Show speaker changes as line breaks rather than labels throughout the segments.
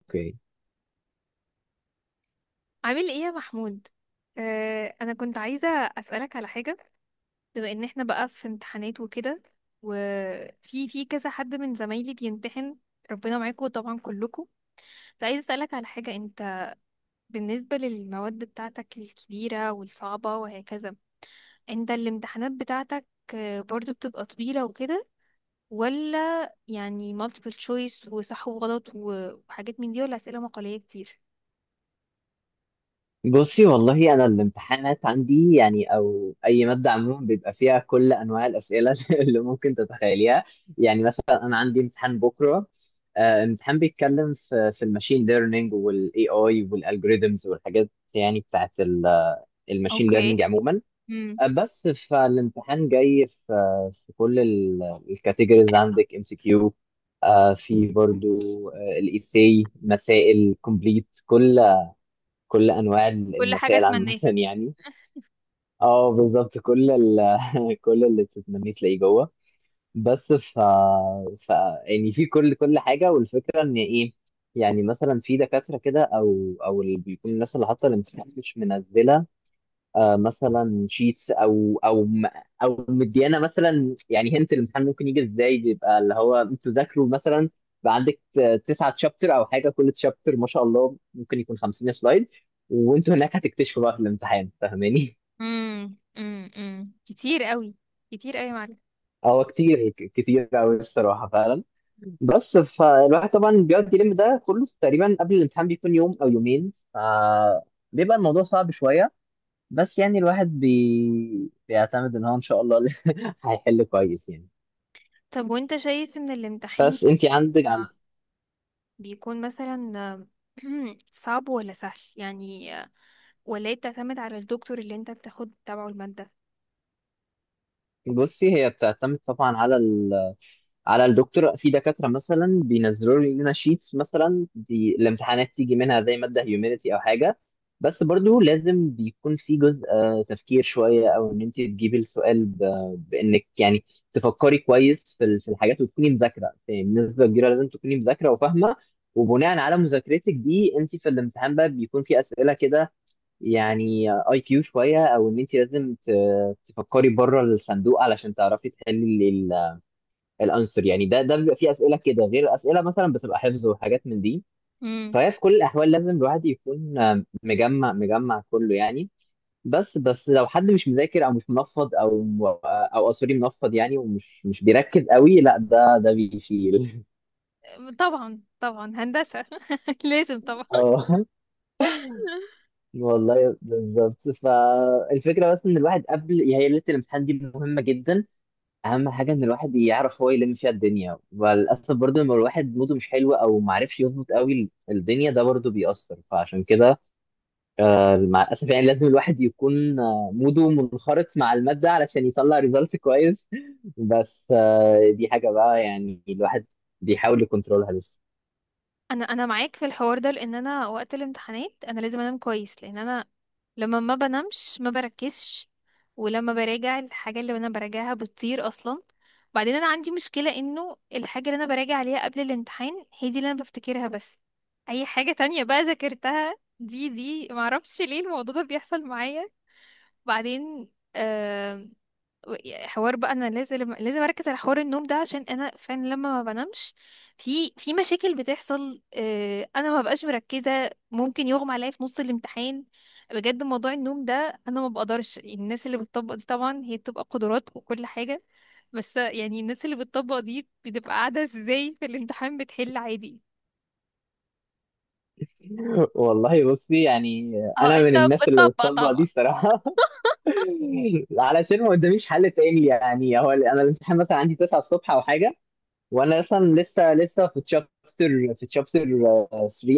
اوكي.
عامل ايه يا محمود؟ آه، انا كنت عايزه اسالك على حاجه. بما ان احنا بقى في امتحانات وكده، وفي كذا حد من زمايلي بيمتحن، ربنا معاكم طبعا كلكم. كنت عايزه اسالك على حاجه، انت بالنسبه للمواد بتاعتك الكبيره والصعبه وهكذا، انت الامتحانات بتاعتك، برضو بتبقى طويله وكده، ولا يعني multiple choice وصح وغلط وحاجات من دي، ولا اسئله مقاليه كتير؟
بصي والله انا الامتحانات عندي، يعني او اي ماده عموما بيبقى فيها كل انواع الاسئله اللي ممكن تتخيليها. يعني مثلا انا عندي امتحان بكره. امتحان بيتكلم في الماشين ليرنينج والاي اي والالجوريزمز والحاجات، يعني بتاعت الماشين ليرنينج
اوكي.
عموما.
امم
بس فالامتحان جاي في كل الكاتيجوريز، عندك ام سي كيو، في برضو الايساي، مسائل كومبليت، كل انواع
كل حاجه
المسائل عامه
اتمناها.
يعني. اه بالظبط كل كل اللي تتمنيه تلاقيه جوه. بس ف... ف يعني في كل حاجه، والفكره ان ايه؟ يعني مثلا في دكاتره كده، او اللي بيكون الناس اللي حاطه الامتحان مش منزله، آه مثلا شيتس او مديانا مثلا. يعني هنت الامتحان ممكن يجي ازاي؟ بيبقى اللي هو انتوا ذاكروا مثلا، بقى عندك تسعة تشابتر او حاجه، كل تشابتر ما شاء الله ممكن يكون 50 سلايد، وانتوا هناك هتكتشفوا بقى في الامتحان. فاهماني؟
كتير قوي، كتير قوي يا معلم.
هو كتير، كتير قوي الصراحه فعلا. بس فالواحد طبعا بيقعد يلم ده كله تقريبا قبل الامتحان، بيكون يوم او يومين، ف بيبقى الموضوع صعب شويه. بس يعني الواحد بيعتمد ان هو ان شاء الله هيحل كويس يعني.
طب وانت شايف ان الامتحان
بس
في
انت عندك.
مصر بيكون مثلا صعب ولا سهل يعني، ولا هي بتعتمد على الدكتور اللي انت بتاخد تبعه المادة؟
بصي، هي بتعتمد طبعا على الدكتور. في دكاترة مثلا بينزلوا لنا شيتس، مثلا دي الامتحانات تيجي منها، زي مادة هيومانيتي أو حاجة، بس برضو لازم بيكون في جزء تفكير شوية، أو إن أنت تجيبي السؤال بإنك يعني تفكري كويس في في الحاجات، وتكوني مذاكرة. يعني بنسبة كبيرة لازم تكوني مذاكرة وفاهمة، وبناء على مذاكرتك دي أنت في الامتحان بقى بيكون في أسئلة كده، يعني اي كيو شوية، أو إن أنت لازم تفكري بره الصندوق علشان تعرفي تحلي الانسر. يعني ده بيبقى فيه اسئله كده غير اسئله مثلا بتبقى حفظ وحاجات من دي.
امم.
فهي في كل الاحوال لازم الواحد يكون مجمع مجمع كله يعني. بس لو حد مش مذاكر او مش منفض، او او آه، سوري، منفض يعني، ومش مش بيركز قوي، لا، ده بيشيل.
طبعا طبعا، هندسة لازم طبعا.
اه والله بالظبط. فالفكره بس ان الواحد قبل، هي ليله الامتحان دي مهمه جدا، اهم حاجه ان الواحد يعرف هو يلم فيها الدنيا. وللاسف برضو، لما الواحد موده مش حلو او ما عرفش يظبط قوي الدنيا، ده برضو بيأثر. فعشان كده مع الاسف يعني لازم الواحد يكون موده منخرط مع الماده علشان يطلع ريزلت كويس. بس دي حاجه بقى يعني الواحد بيحاول يكنترولها لسه.
انا معاك في الحوار ده، لان انا وقت الامتحانات انا لازم انام كويس، لان انا لما ما بنامش ما بركزش، ولما براجع الحاجه اللي انا براجعها بتطير اصلا. بعدين انا عندي مشكله، انه الحاجه اللي انا براجع عليها قبل الامتحان هي دي اللي انا بفتكرها بس. اي حاجه تانية بقى ذاكرتها دي معرفش ليه الموضوع ده بيحصل معايا. بعدين يعني حوار بقى، انا لازم اركز على حوار النوم ده، عشان انا فعلا لما ما بنامش في مشاكل بتحصل، انا ما ببقاش مركزه، ممكن يغمى عليا في نص الامتحان. بجد موضوع النوم ده انا ما بقدرش. الناس اللي بتطبق دي طبعا هي بتبقى قدرات وكل حاجه، بس يعني الناس اللي بتطبق دي بتبقى قاعده ازاي في الامتحان بتحل عادي؟
والله بصي، يعني
اه.
انا من
انت
الناس اللي
بتطبق
بتطبق دي
طبعا.
الصراحه. علشان ما قداميش حل تاني. يعني هو انا الامتحان مثلا عندي 9 الصبح او حاجه، وانا اصلا لسه في تشابتر، في تشابتر 3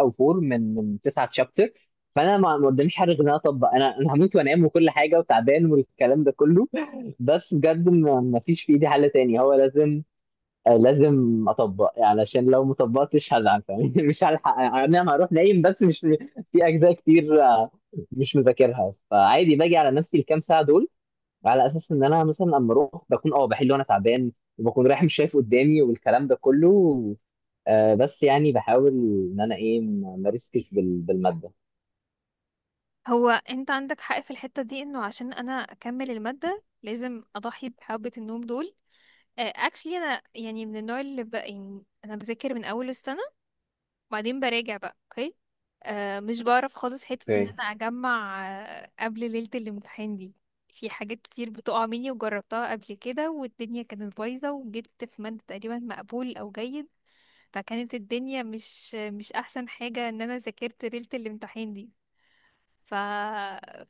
او 4 من تسعة تشابتر. فانا ما قداميش حاجه غير ان انا اطبق. انا هموت وانام وكل حاجه، وتعبان والكلام ده كله، بس بجد ما فيش في ايدي حل تاني، هو لازم لازم اطبق يعني، عشان لو ما طبقتش هزعل. فاهم؟ مش هلحق يعني، انا هروح نايم، بس مش في اجزاء كتير مش مذاكرها، فعادي باجي على نفسي الكام ساعه دول، على اساس ان انا مثلا اما اروح بكون بحل وانا تعبان، وبكون رايح مش شايف قدامي والكلام ده كله. بس يعني بحاول ان انا ايه، ما ريسكش بالماده.
هو انت عندك حق في الحتة دي، انه عشان انا اكمل المادة لازم اضحي بحبة النوم دول. اكشلي انا يعني من النوع اللي يعني انا بذاكر من اول السنة، وبعدين براجع بقى. اوكي، آه، مش بعرف خالص حتة ان
اوكي.
انا اجمع آه قبل ليلة الامتحان دي. في حاجات كتير بتقع مني، وجربتها قبل كده والدنيا كانت بايظة، وجبت في مادة تقريبا مقبول او جيد. فكانت الدنيا مش احسن حاجة ان انا ذاكرت ليلة الامتحان دي. ف...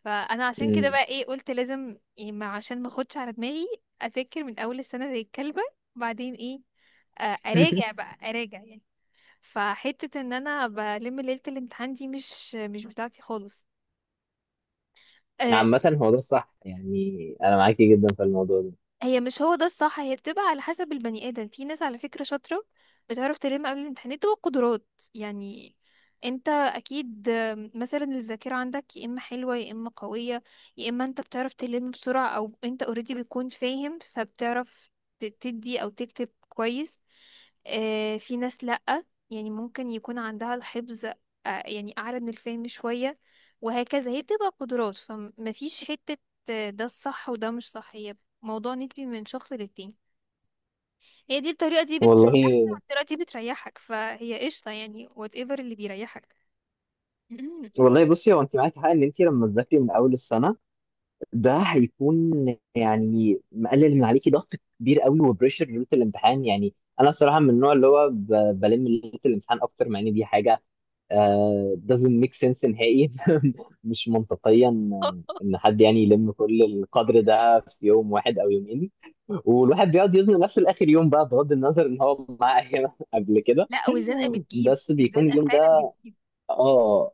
فانا عشان كده
امم.
بقى ايه، قلت لازم يعني، ما عشان ما اخدش على دماغي اذاكر من اول السنه زي الكلبه، وبعدين ايه، اراجع بقى اراجع يعني. فحته ان انا بلم ليله الامتحان دي مش بتاعتي خالص، آه،
عامة هو ده الصح يعني، انا معاكي جدا في الموضوع ده
هي مش هو ده الصح، هي بتبقى على حسب البني ادم. في ناس على فكرة شاطرة، بتعرف تلم قبل الامتحانات وقدرات، يعني انت اكيد مثلا الذاكرة عندك يا اما حلوة يا اما قوية، يا اما انت بتعرف تلم بسرعة، او انت اوريدي بتكون فاهم فبتعرف تدي او تكتب كويس. في ناس لأ، يعني ممكن يكون عندها الحفظ، يعني اعلى من الفهم شوية وهكذا. هي بتبقى قدرات، فمفيش حتة ده الصح وده مش صح، هي موضوع نسبي من شخص للتاني. هي دي الطريقة دي بتريحنا،
والله.
والطريقة دي بتريحك، فهي قشطة يعني whatever اللي بيريحك.
والله بصي، هو انت معاكي حق، ان انت لما تذاكري من اول السنه، ده هيكون يعني مقلل من عليكي ضغط كبير قوي وبريشر ليله الامتحان. يعني انا الصراحه من النوع اللي هو بلم ليله الامتحان اكتر، مع ان دي حاجه doesn't make sense نهائي. مش منطقيا ان حد يعني يلم كل القدر ده في يوم واحد او يومين، والواحد بيقعد يزنق نفسه لاخر يوم، بقى بغض النظر ان هو معاه ايام قبل كده.
لا، والزنقة بتجيب،
بس بيكون
الزنقة
اليوم
فعلا
ده،
بتجيب.
اه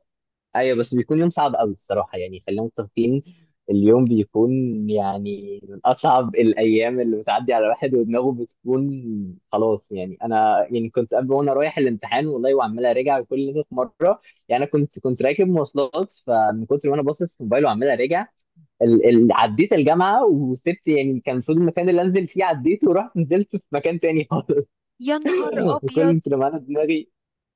ايوه، بس بيكون يوم صعب قوي الصراحه، يعني خلينا متفقين، اليوم بيكون يعني من اصعب الايام اللي بتعدي على الواحد، ودماغه بتكون خلاص يعني. انا يعني كنت قبل وانا رايح الامتحان والله وعمال اراجع كل ده في مره، يعني انا كنت راكب مواصلات، فمن كتر ما انا باصص في موبايل وعمال اراجع عديت الجامعه وسبت. يعني كان المفروض المكان اللي انزل فيه عديته، ورحت نزلت في مكان تاني خالص.
يا نهار أبيض.
كل ما انا دماغي،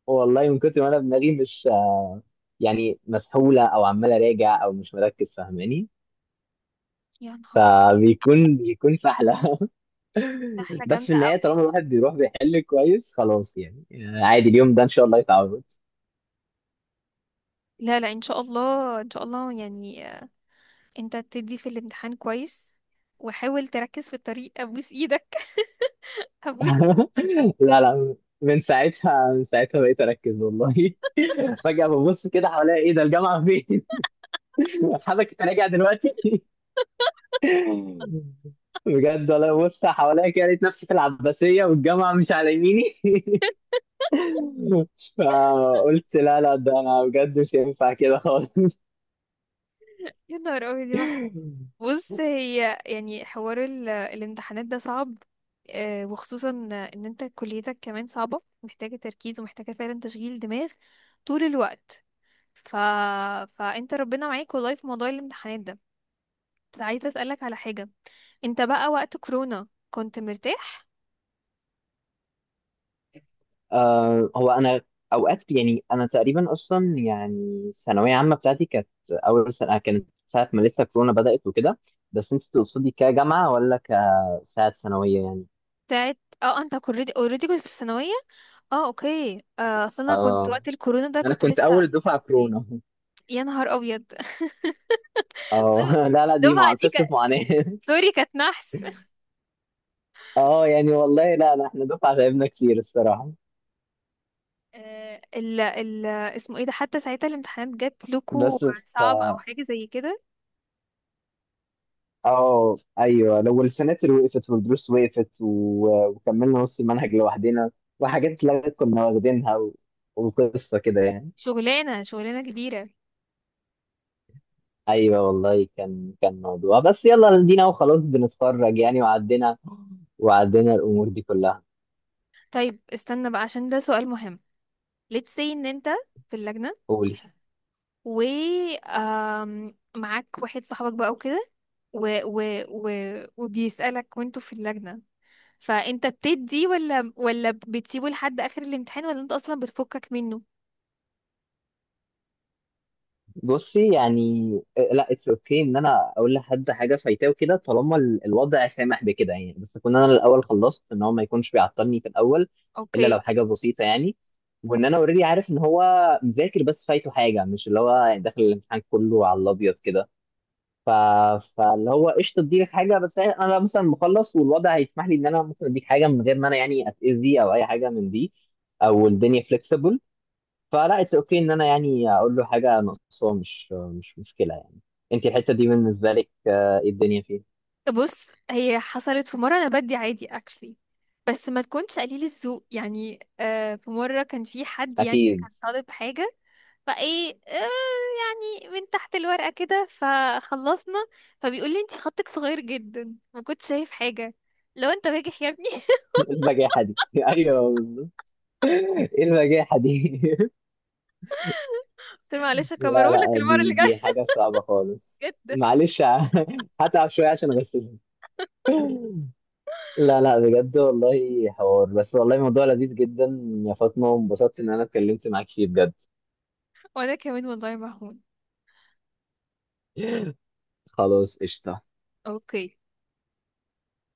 والله من كتر ما انا دماغي مش يعني مسحوله، او عمال اراجع، او مش مركز، فاهماني؟
يا نهار أبيض.
بيكون سحله.
سحلة
بس في
جامدة أوي.
النهايه، طالما الواحد بيروح بيحل كويس، خلاص يعني، عادي، اليوم ده ان شاء الله يتعود.
لا لا، إن شاء الله إن شاء الله يعني، أنت تدي في الامتحان كويس، وحاول تركز في الطريق أبوس إيدك. أبوس.
لا لا، من ساعتها، من ساعتها بقيت اركز والله. فجاه ببص كده حواليا، ايه ده؟ الجامعه فين؟ حضرتك راجع دلوقتي! بجد والله، ببص حواليا كده لقيت نفسي في العباسيه، والجامعه مش على يميني. فقلت لا لا، ده انا بجد مش هينفع كده خالص.
يا نهار أبيض يا محمود. بص، هي يعني حوار الامتحانات ده صعب، وخصوصا ان انت كليتك كمان صعبة، محتاجة تركيز ومحتاجة فعلا تشغيل دماغ طول الوقت. ف... فانت ربنا معاك والله في موضوع الامتحانات ده. بس عايزة اسألك على حاجة، انت بقى وقت كورونا كنت مرتاح؟
آه، هو انا اوقات، يعني انا تقريبا اصلا يعني الثانويه عامه بتاعتي كانت اول سنه كانت ساعه ما لسه كورونا بدات وكده، بس انت تقصدي كجامعه ولا كساعه ثانويه يعني؟
بتاعت اه، انت اوريدي كنت في الثانوية؟ اه اوكي، اصل انا كنت
اه،
وقت الكورونا ده
انا
كنت
كنت
لسه
اول
في
دفعه
الكلية.
كورونا.
يا نهار ابيض.
اه لا لا، دي
الدفعة
مع
دي
قصه
كانت
معاناه.
دوري، كانت نحس.
اه يعني والله، لا لا، احنا دفعه تعبنا كتير الصراحه
ال اسمه ايه ده، حتى ساعتها الامتحانات جات لكو
بس.
صعبة او حاجة زي كده؟
اه ايوه، لو السناتر وقفت والدروس وقفت، وكملنا نص المنهج لوحدنا، وحاجات اتلغت كنا واخدينها، وقصه كده يعني.
شغلانة كبيرة.
ايوه والله كان موضوع، بس يلا دينا وخلاص بنتخرج يعني، وعدينا، وعدينا الامور دي كلها.
طيب استنى بقى عشان ده سؤال مهم، let's say ان انت في اللجنة،
قولي.
و معاك واحد صاحبك بقى وكده، و و و وبيسألك وانتوا في اللجنة، فانت بتدي ولا بتسيبه لحد اخر الامتحان، ولا انت اصلا بتفكك منه؟
بصي يعني، لا، اتس اوكي، okay ان انا اقول لحد حاجه فايتاه وكده، طالما الوضع سامح بكده يعني، بس اكون انا الاول خلصت، ان هو ما يكونش بيعطلني في الاول، الا لو
اوكي.
حاجه بسيطه يعني، وان انا اوريدي عارف ان هو مذاكر، بس فايته حاجه، مش اللي هو داخل الامتحان كله على الابيض كده. ف... فاللي هو قشطه اديلك حاجه، بس انا مثلا مخلص والوضع هيسمح لي، ان انا ممكن اديك حاجه من غير ما انا يعني اتاذي او اي حاجه من دي، او الدنيا فليكسبل. فلا، اتس اوكي ان انا يعني اقول له حاجه ناقصه، مش مشكله يعني. انت الحته دي بالنسبه لك ايه الدنيا فيها؟
بص، هي حصلت في مرة أنا بدي عادي actually، بس ما تكونش قليل الذوق يعني. آه في مرة كان في حد يعني كان
اكيد.
طالب حاجة، فايه آه، يعني من تحت الورقة كده، فخلصنا، فبيقول لي انتي خطك صغير جدا ما كنتش شايف حاجة. لو انت باجح يا ابني.
ايه البجاحه دي! ايوه بالظبط، ايه البجاحه دي!
قلت له معلش
لا
هكبره لك
لا،
المرة
دي
اللي جاية.
دي حاجه صعبه خالص.
جدا.
معلش. هتعب شويه عشان اغششك. لا لا بجد والله، حوار، بس والله موضوع لذيذ جدا يا فاطمه، وانبسطت ان انا اتكلمت معاك فيه بجد.
وانا كمان والله مهون.
خلاص قشطه.
اوكي.